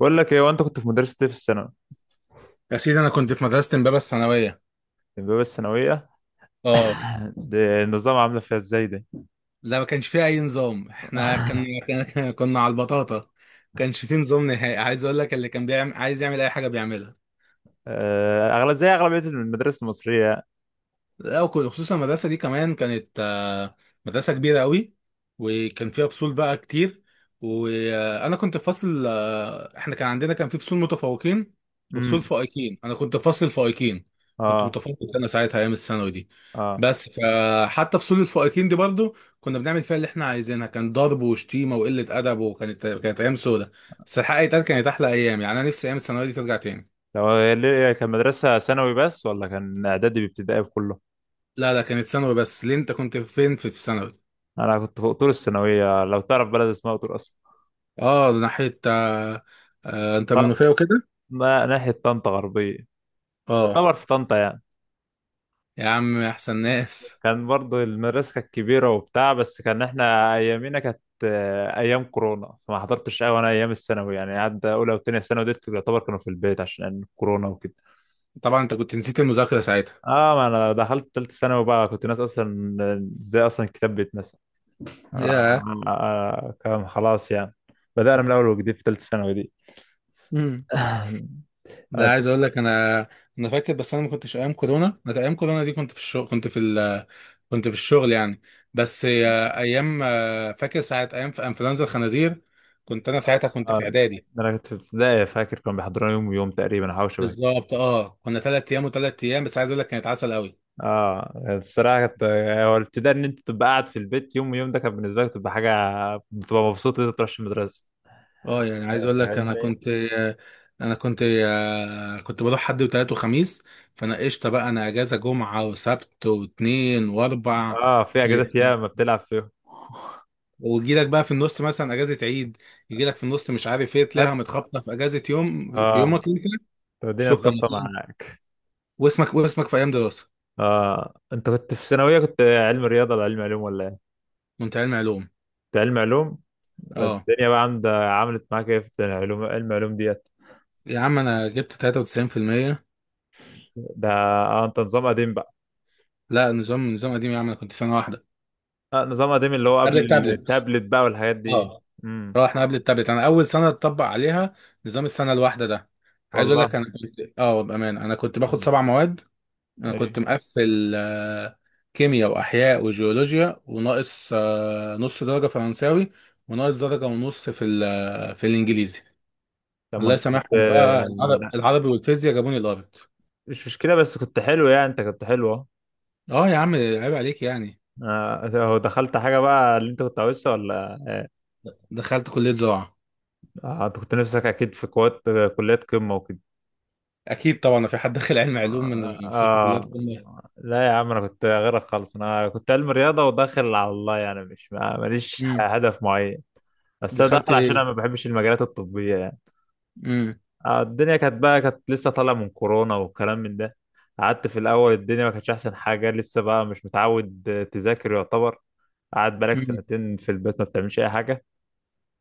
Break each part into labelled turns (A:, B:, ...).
A: بقول لك ايه وانت كنت في مدرسة ايه في الثانوي
B: يا سيدي انا كنت في مدرسه امبابه الثانويه.
A: البيبقى الثانوية؟
B: اه.
A: ده النظام عاملة فيها ازاي ده؟
B: لا، ما كانش فيها اي نظام. احنا كنا كنا كنا على البطاطا، ما كانش فيه نظام نهائي. عايز اقول لك، اللي كان بيعمل عايز يعمل اي حاجه بيعملها.
A: اغلب زي اغلبية المدارس المصرية.
B: لا وك- خصوصا المدرسة دي كمان كانت، مدرسة كبيرة قوي، وكان فيها فصول بقى كتير. وأنا كنت في فصل، احنا كان عندنا كان في فصول متفوقين وفصول
A: امم.
B: فائقين. أنا كنت في فصل الفائقين، كنت
A: اه.
B: متفوق أنا ساعتها أيام الثانوي دي.
A: اه.
B: بس فحتى فصول الفائقين دي برضو كنا بنعمل فيها اللي احنا عايزينها، كان ضرب وشتيمة وقلة أدب، وكانت أيام سودة. بس الحقيقة يتقال كانت أحلى أيام يعني، أنا نفسي أيام الثانوي دي ترجع تاني.
A: طب كان مدرسة ثانوي بس ولا كان اعدادي بابتدائي بكله؟
B: لا، كانت ثانوي بس. ليه أنت كنت فين في ثانوي؟
A: انا كنت في قطور الثانوية لو تعرف بلد اسمها قطور اصلا.
B: اه، ناحية، آه، آه انت
A: طب
B: منوفية وكده.
A: ما ناحية طنطا غربية،
B: اه
A: يعتبر في طنطا يعني.
B: يا عم، احسن ناس.
A: كان برضه المدرسة كانت كبيرة وبتاع، بس كان احنا أيامينا كانت أيام كورونا، فما حضرتش أوي أنا أيام الثانوي يعني، عدى أولى وتانية ثانوي ديت يعتبر كانوا في البيت عشان كورونا وكده.
B: طبعا انت كنت نسيت المذاكرة ساعتها.
A: اه ما انا دخلت تالتة ثانوي بقى، كنت ناس اصلا. ازاي اصلا الكتاب بيتمثل؟
B: ياه.
A: كان خلاص يعني. بدأنا من اول وجديد في تالتة ثانوي دي.
B: مم. ده
A: آه،
B: عايز اقول لك انا، انا فاكر. بس انا ما كنتش ايام كورونا، انا ايام كورونا دي كنت في الشغل، كنت في الشغل يعني. بس ايام، فاكر ساعة ايام في انفلونزا الخنازير كنت انا ساعتها، كنت في
A: آه،
B: اعدادي.
A: انا كنت في ابتدائي فاكر كانوا بيحضرونا يوم ويوم تقريبا او حاجه شبه.
B: بالظبط، اه كنا 3 ايام و3 ايام. بس عايز اقول لك كانت عسل قوي.
A: اه الصراحه كانت، هو الابتداء ان انت تبقى قاعد في البيت يوم يوم ده كان بالنسبه لك تبقى حاجه، بتبقى مبسوط ان انت تروحش المدرسه.
B: اه يعني عايز اقول لك، انا
A: فاهمني.
B: كنت انا كنت كنت بروح حد وتلات وخميس، فانا قشطه بقى، انا اجازه جمعه وسبت واثنين واربع.
A: اه في اجازات ياما بتلعب فيهم.
B: ويجي لك بقى في النص مثلا اجازه عيد، يجي لك في النص مش عارف ايه،
A: هات.
B: تلاقيها متخبطه في اجازه يوم في
A: اه.
B: يومك انت.
A: طب الدنيا
B: شكرا.
A: اتظبطه معاك.
B: واسمك، واسمك في ايام دراسه؟
A: اه انت كنت في ثانويه، كنت علم رياضه ولا علم علوم ولا ايه؟
B: وانت علمي علوم؟
A: كنت علم علوم.
B: اه
A: الدنيا بقى عند عملت معاك ايه في الدنيا علوم علم علوم ديت؟
B: يا عم، انا جبت 93%.
A: ده اه انت نظام قديم بقى.
B: لا نظام، قديم يا عم، انا كنت سنه واحده
A: آه نظام قديم اللي هو
B: قبل
A: قبل
B: التابلت.
A: التابلت بقى والحاجات دي.
B: اه
A: امم.
B: رحنا قبل التابلت، انا اول سنه اتطبق عليها نظام السنه الواحده ده. عايز اقول لك،
A: والله.
B: انا كنت اه بامان، انا كنت باخد
A: مم.
B: 7 مواد. انا كنت
A: ايه؟
B: مقفل، كيمياء واحياء وجيولوجيا، وناقص، نص درجه فرنساوي، وناقص درجه ونص في ال- آه، في الانجليزي.
A: طب ما
B: الله
A: انت كنت،
B: يسامحهم بقى، العرب-
A: لا
B: العربي والفيزياء جابوني الارض.
A: مش مشكلة، بس كنت حلو يعني، انت كنت حلو اهو.
B: اه يا عم، عيب عليك يعني.
A: هو دخلت حاجة بقى اللي انت كنت عاوزها ولا؟
B: دخلت كليه زراعه.
A: انت كنت نفسك اكيد في كوات، كليات قمة وكده.
B: اكيد طبعا، ما في حد داخل علم علوم
A: آه.
B: من مستشفى كليات
A: آه.
B: قمه.
A: لا يا عم انا كنت غيرك خالص، انا كنت علم رياضة وداخل على الله يعني، مش ماليش
B: امم.
A: هدف معين. بس انا
B: دخلت
A: داخل عشان انا
B: ايه.
A: ما بحبش المجالات الطبية يعني.
B: امم.
A: الدنيا كانت بقى، كانت لسه طالعة من كورونا والكلام من ده. قعدت في الاول الدنيا ما كانتش احسن حاجة، لسه بقى مش متعود تذاكر يعتبر، قعدت بقالك
B: امم.
A: سنتين في البيت ما بتعملش اي حاجه.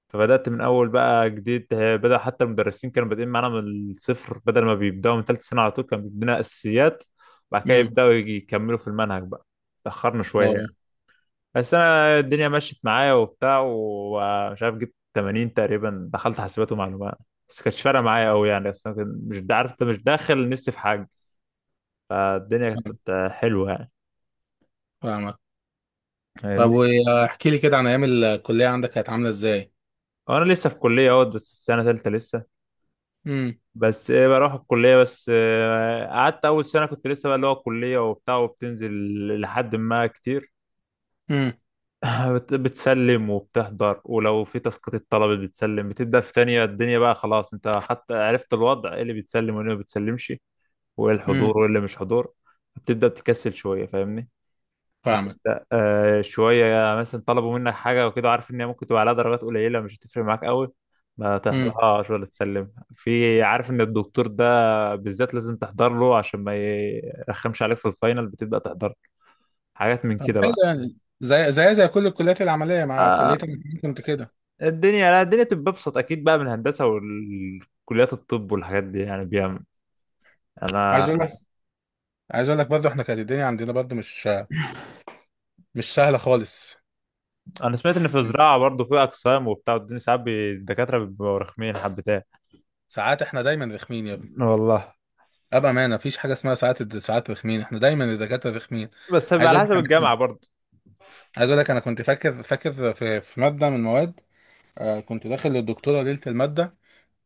A: فبدات من اول بقى جديد، بدا حتى المدرسين كانوا بادئين معانا من الصفر، بدل ما بيبداوا من ثالث سنه على طول كانوا بيدينا اساسيات، وبعد كده
B: امم.
A: يكملوا في المنهج بقى. تاخرنا شويه يعني.
B: اه.
A: بس انا الدنيا مشيت معايا وبتاع، ومش عارف جبت 80 تقريبا، دخلت حاسبات ومعلومات. بس كانتش فارقه معايا قوي يعني، بس أنا كنت- مش دا- عارف انت مش داخل نفسي في حاجه. فالدنيا
B: فاهم-
A: كانت حلوه يعني.
B: فاهمك. طب
A: فاهمني.
B: واحكي لي كده عن ايام الكليه عندك، كانت عامله ازاي؟
A: وانا لسه في كليه اهوت بس، سنه ثالثه لسه.
B: امم.
A: بس ايه، بروح الكلية بس، قعدت أول سنة كنت لسه بقى اللي هو الكلية وبتاع، وبتنزل لحد ما كتير.
B: امم.
A: بتسلم وبتحضر، ولو في تسقيط الطلبة بتسلم، بتبدأ في تانية الدنيا بقى خلاص، انت حتى عرفت الوضع ايه اللي بتسلم وايه اللي ما بتسلمش، وايه
B: امم.
A: الحضور وايه اللي مش حضور. بتبدأ تكسل شوية. فاهمني.
B: فاهمك.
A: لا شوية مثلا طلبوا منك حاجة وكده، عارف إن هي ممكن تبقى عليها درجات قليلة مش هتفرق معاك أوي، ما
B: امم.
A: تحضرهاش ولا تسلم في. عارف إن الدكتور ده بالذات لازم تحضر له عشان ما يرخمش عليك في الفاينل، بتبدأ تحضر حاجات من
B: طب
A: كده
B: حلو،
A: بقى.
B: يعني زي زي كل الكليات العمليه مع
A: آه.
B: كليتك كنت كده؟
A: الدنيا، لا الدنيا تبقى أبسط أكيد بقى من الهندسة والكليات الطب والحاجات دي يعني، بيعمل. أنا
B: عايز اقول لك عايز اقول لك برضه احنا كانت الدنيا عندنا برضه مش سهله خالص.
A: أنا سمعت إن في زراعة برضه في أقسام وبتاع، والدنيا ساعات الدكاترة بيبقوا رخمين حبتين.
B: ساعات، احنا دايما رخمين يا ابني.
A: والله.
B: ابقى، ما مفيش حاجه اسمها ساعات رخمين، احنا دايما الدكاتره رخمين.
A: بس بيبقى
B: عايز
A: على
B: اقول لك
A: حسب
B: انا كده-
A: الجامعة برضه.
B: عايز اقول لك، انا كنت فاكر في ماده من المواد، كنت داخل للدكتوره ليله الماده،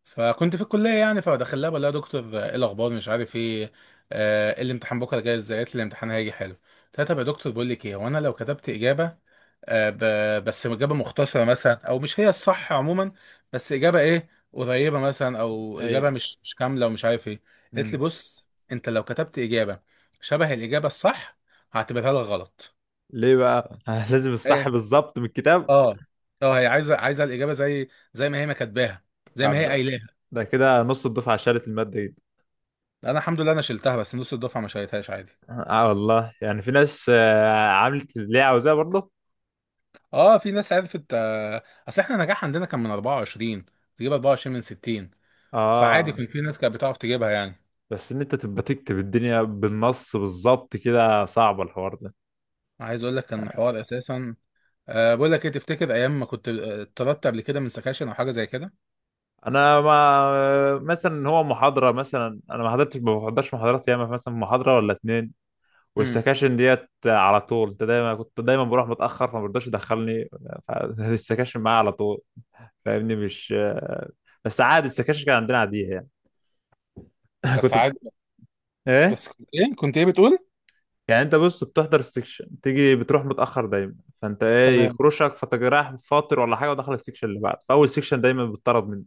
B: فكنت في الكليه يعني، فدخل لها، بقول لها دكتور، ايه الاخبار مش عارف ايه، آه إيه الامتحان بكره جاي ازاي. قالت لي الامتحان هيجي حلو. قلت لها طب يا دكتور بقول لك ايه، وانا لو كتبت اجابه، بس اجابه مختصره مثلا، او مش هي الصح عموما، بس اجابه ايه قريبه مثلا، او اجابه
A: أيوه.
B: مش كامله ومش عارف ايه. قالت لي،
A: مم.
B: بص، انت لو كتبت اجابه شبه الاجابه الصح، هعتبرها لك غلط.
A: ليه بقى؟ لازم الصح
B: ايه.
A: بالظبط من الكتاب.
B: اه. اه، هي عايزه الاجابه زي، زي ما هي ما كاتباها، زي ما هي
A: طب
B: قايلاها.
A: ده كده نص الدفعة شالت المادة دي.
B: انا الحمد لله انا شلتها، بس نص الدفعه ما شالتهاش عادي.
A: اه والله يعني، في ناس عملت اللي هي عاوزاه برضه.
B: اه في ناس عرفت، اصل احنا النجاح عندنا كان من 24، تجيب 24 من 60، فعادي
A: اه
B: كان في ناس كانت بتعرف تجيبها يعني.
A: بس ان انت تبقى تكتب الدنيا بالنص بالظبط كده، صعب الحوار ده.
B: عايز اقول لك كان الحوار اساسا. أه بقول لك ايه، تفتكر ايام ما كنت، اتطردت قبل كده من سكاشن او حاجه زي كده؟
A: انا ما مثلا، هو محاضرة مثلا انا ما حضرتش، ما بحضرش محاضرات ياما، مثلا محاضرة ولا اتنين.
B: امم.
A: والسكاشن ديت على طول انت دايما، كنت دايما بروح متأخر فما برضاش يدخلني، فالسكاشن معايا على طول. فاهمني مش. بس عادي السكاشن كان عندنا عاديه يعني.
B: بس
A: كنت بت-
B: عادي.
A: ايه
B: بس كنت ايه، كنت ايه بتقول؟
A: يعني، انت بص بتحضر السكشن تيجي بتروح متاخر دايما، فانت ايه
B: تمام.
A: يكروشك فتجرح فاطر ولا حاجه، ودخل السكشن اللي بعد، فاول سكشن دايما بتطرد منه.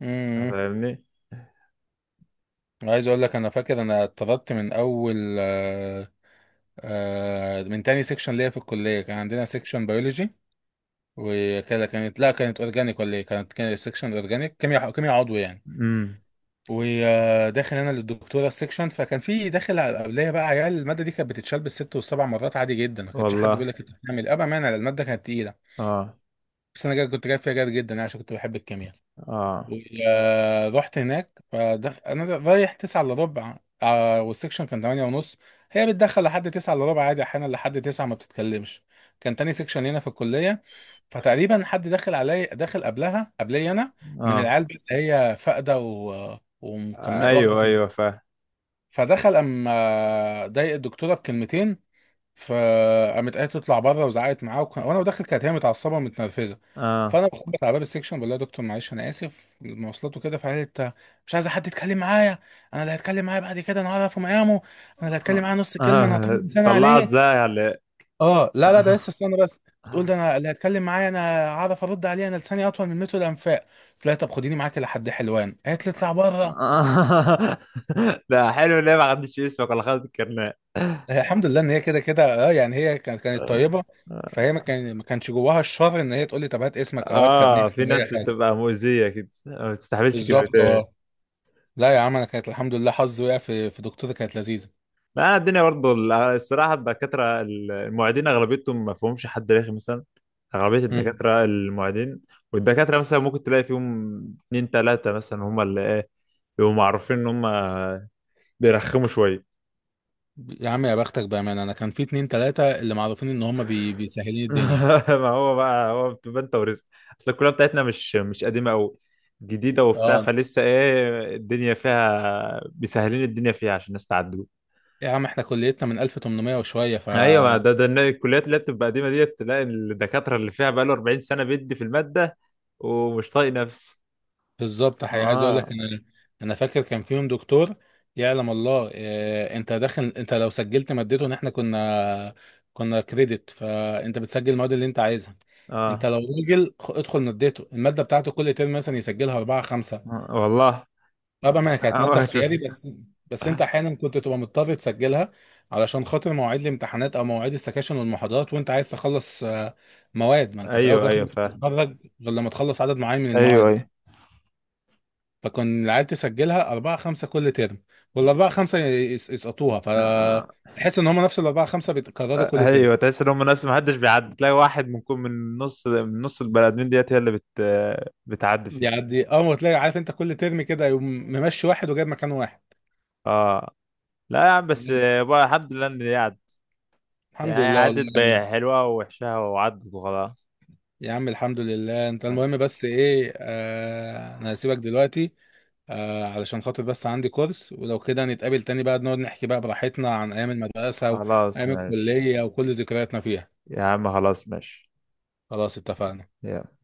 B: امم.
A: فاهمني.
B: عايز اقول لك، انا فاكر، انا اتطردت من اول، آه، آه من تاني سيكشن ليا في الكليه. كان عندنا سيكشن بيولوجي وكده، كانت لا كانت اورجانيك ولا ايه، كانت كانت سيكشن اورجانيك كيمياء، كيمياء عضوي يعني.
A: امم.
B: وداخل انا للدكتوره السكشن، فكان في داخل على قبليه بقى، عيال الماده دي كانت بتتشال بالست والسبع مرات عادي جدا، ما كانش حد
A: والله.
B: بيقول لك انت بتعمل إيه. ابا مانع، الماده كانت تقيله.
A: اه
B: بس كنت جايب فيها جاد جدا أنا، عشان كنت بحب الكيمياء.
A: اه
B: رحت هناك، انا رايح 9 الا ربع، آه والسكشن كان 8 ونص. هي بتدخل لحد 9 الا ربع عادي، احيانا لحد 9 ما بتتكلمش. كان تاني سكشن هنا في الكليه. فتقريبا حد داخل علي، داخل قبلها قبلي انا، من
A: اه.
B: العيال اللي هي فاقده ومكمل واخده
A: ايوه
B: في.
A: ايوه فاهم.
B: فدخل، اما ضايق الدكتوره بكلمتين، فقامت قالت تطلع بره وزعقت معاه، وانا داخل كانت هي متعصبه ومتنرفزه.
A: اه
B: فانا بخبط على باب السكشن، بقول لها يا دكتور معلش، انا اسف المواصلات وكده. فقالت، مش عايزه حد يتكلم معايا، انا اللي هتكلم معايا بعد كده، انا هعرف مقامه. انا اللي هتكلم معايا نص
A: اه.
B: كلمه، انا هطول لساني
A: طلعت
B: عليه.
A: زي على.
B: اه. لا لا ده لسه استنى بس. بتقول، ده انا اللي هتكلم معايا، انا هعرف ارد عليه، انا لساني اطول من متر الانفاق. قلت لها طب خديني معاكي لحد حلوان. قالت لي اطلع بره.
A: لا حلو، ليه ما خدتش اسمك ولا خدت الكرنيه؟
B: هي الحمد لله، ان هي كده كده اه يعني، هي كانت كانت طيبه. فهي ما كان، ما كانش جواها الشر ان هي تقول لي طب هات اسمك، او هات
A: اه
B: كابنيتك،
A: في
B: او اي
A: ناس
B: حاجه.
A: بتبقى مؤذيه كده، ما بتستحملش
B: بالظبط،
A: كلمتين.
B: اه. لا يا عم، انا كانت الحمد لله حظي وقع في دكتوره كانت لذيذه.
A: لا الدنيا برضه الصراحه الدكاتره المعيدين اغلبيتهم ما فيهمش حد رخي مثلا، اغلبيه
B: مم.
A: الدكاتره المعيدين. والدكاتره مثلا ممكن تلاقي فيهم اتنين تلاته مثلا، هم اللي ايه، بيبقوا معروفين ان هم بيرخموا شويه.
B: يا عم يا بختك، بامانه انا كان في 2 3 اللي معروفين ان هم، بيسهلين الدنيا.
A: ما هو بقى هو بتبقى انت ورزق. اصل الكليه بتاعتنا مش قديمه قوي، جديده وبتاع،
B: اه
A: فلسه ايه الدنيا فيها مسهلين الدنيا فيها عشان الناس تعدي.
B: يا عم، احنا كليتنا من 1800 وشويه، ف،
A: ايوه ما ده إن الكليات اللي بتبقى قديمه ديت تلاقي الدكاتره اللي فيها بقاله 40 سنه بيدي في الماده ومش طايق نفسه.
B: بالظبط. حقيقي، عايز اقول لك
A: اه.
B: انا، انا فاكر كان فيهم دكتور، يعلم الله إيه. انت داخل، انت لو سجلت مادته، ان احنا كنا كريدت، فانت بتسجل المواد اللي انت عايزها. انت
A: اه.
B: لو راجل، ادخل مادته، الماده بتاعته كل ترم مثلا يسجلها اربعه خمسه.
A: والله.
B: طبعا ما هي كانت
A: ما
B: ماده
A: كنتش بشوف.
B: اختياري بس. بس انت احيانا كنت تبقى مضطر تسجلها، علشان خاطر مواعيد الامتحانات او مواعيد السكاشن والمحاضرات، وانت عايز تخلص، مواد. ما انت في الاول وفي
A: ايوه
B: الاخر
A: ايوه
B: مش
A: فاهم.
B: بتتخرج غير لما تخلص عدد معين من
A: ايوه
B: المواد.
A: ايوه.
B: فكان العيال تسجلها 4 5 كل ترم، والأربعة خمسة يسقطوها،
A: آه،
B: فتحس إن هما نفس ال4 5 بيتكرروا كل ترم.
A: ايوه تحس ان هم نفس، ما حدش بيعدي، تلاقي واحد من كل، من نص، من نص البني ادمين ديت هي اللي بت، بتعدي فيه.
B: يعني أول ما تلاقي، عارف أنت كل ترم كده، يقوم ممشي واحد وجايب مكان واحد.
A: اه لا يا عم، بس بقى الحمد لله ان هي عدت.
B: الحمد
A: يعني
B: لله والله
A: عدت
B: يعني.
A: بحلوها ووحشها وعدت وخلاص.
B: يا عم الحمد لله. أنت
A: آه،
B: المهم بس إيه، آه أنا هسيبك دلوقتي، آه علشان خاطر بس عندي كورس. ولو كده نتقابل تاني بقى، نقعد نحكي بقى براحتنا عن أيام المدرسة
A: خلاص
B: وأيام
A: ماشي.
B: الكلية وكل ذكرياتنا فيها.
A: يا عم خلاص ماشي.
B: خلاص اتفقنا.
A: يلا.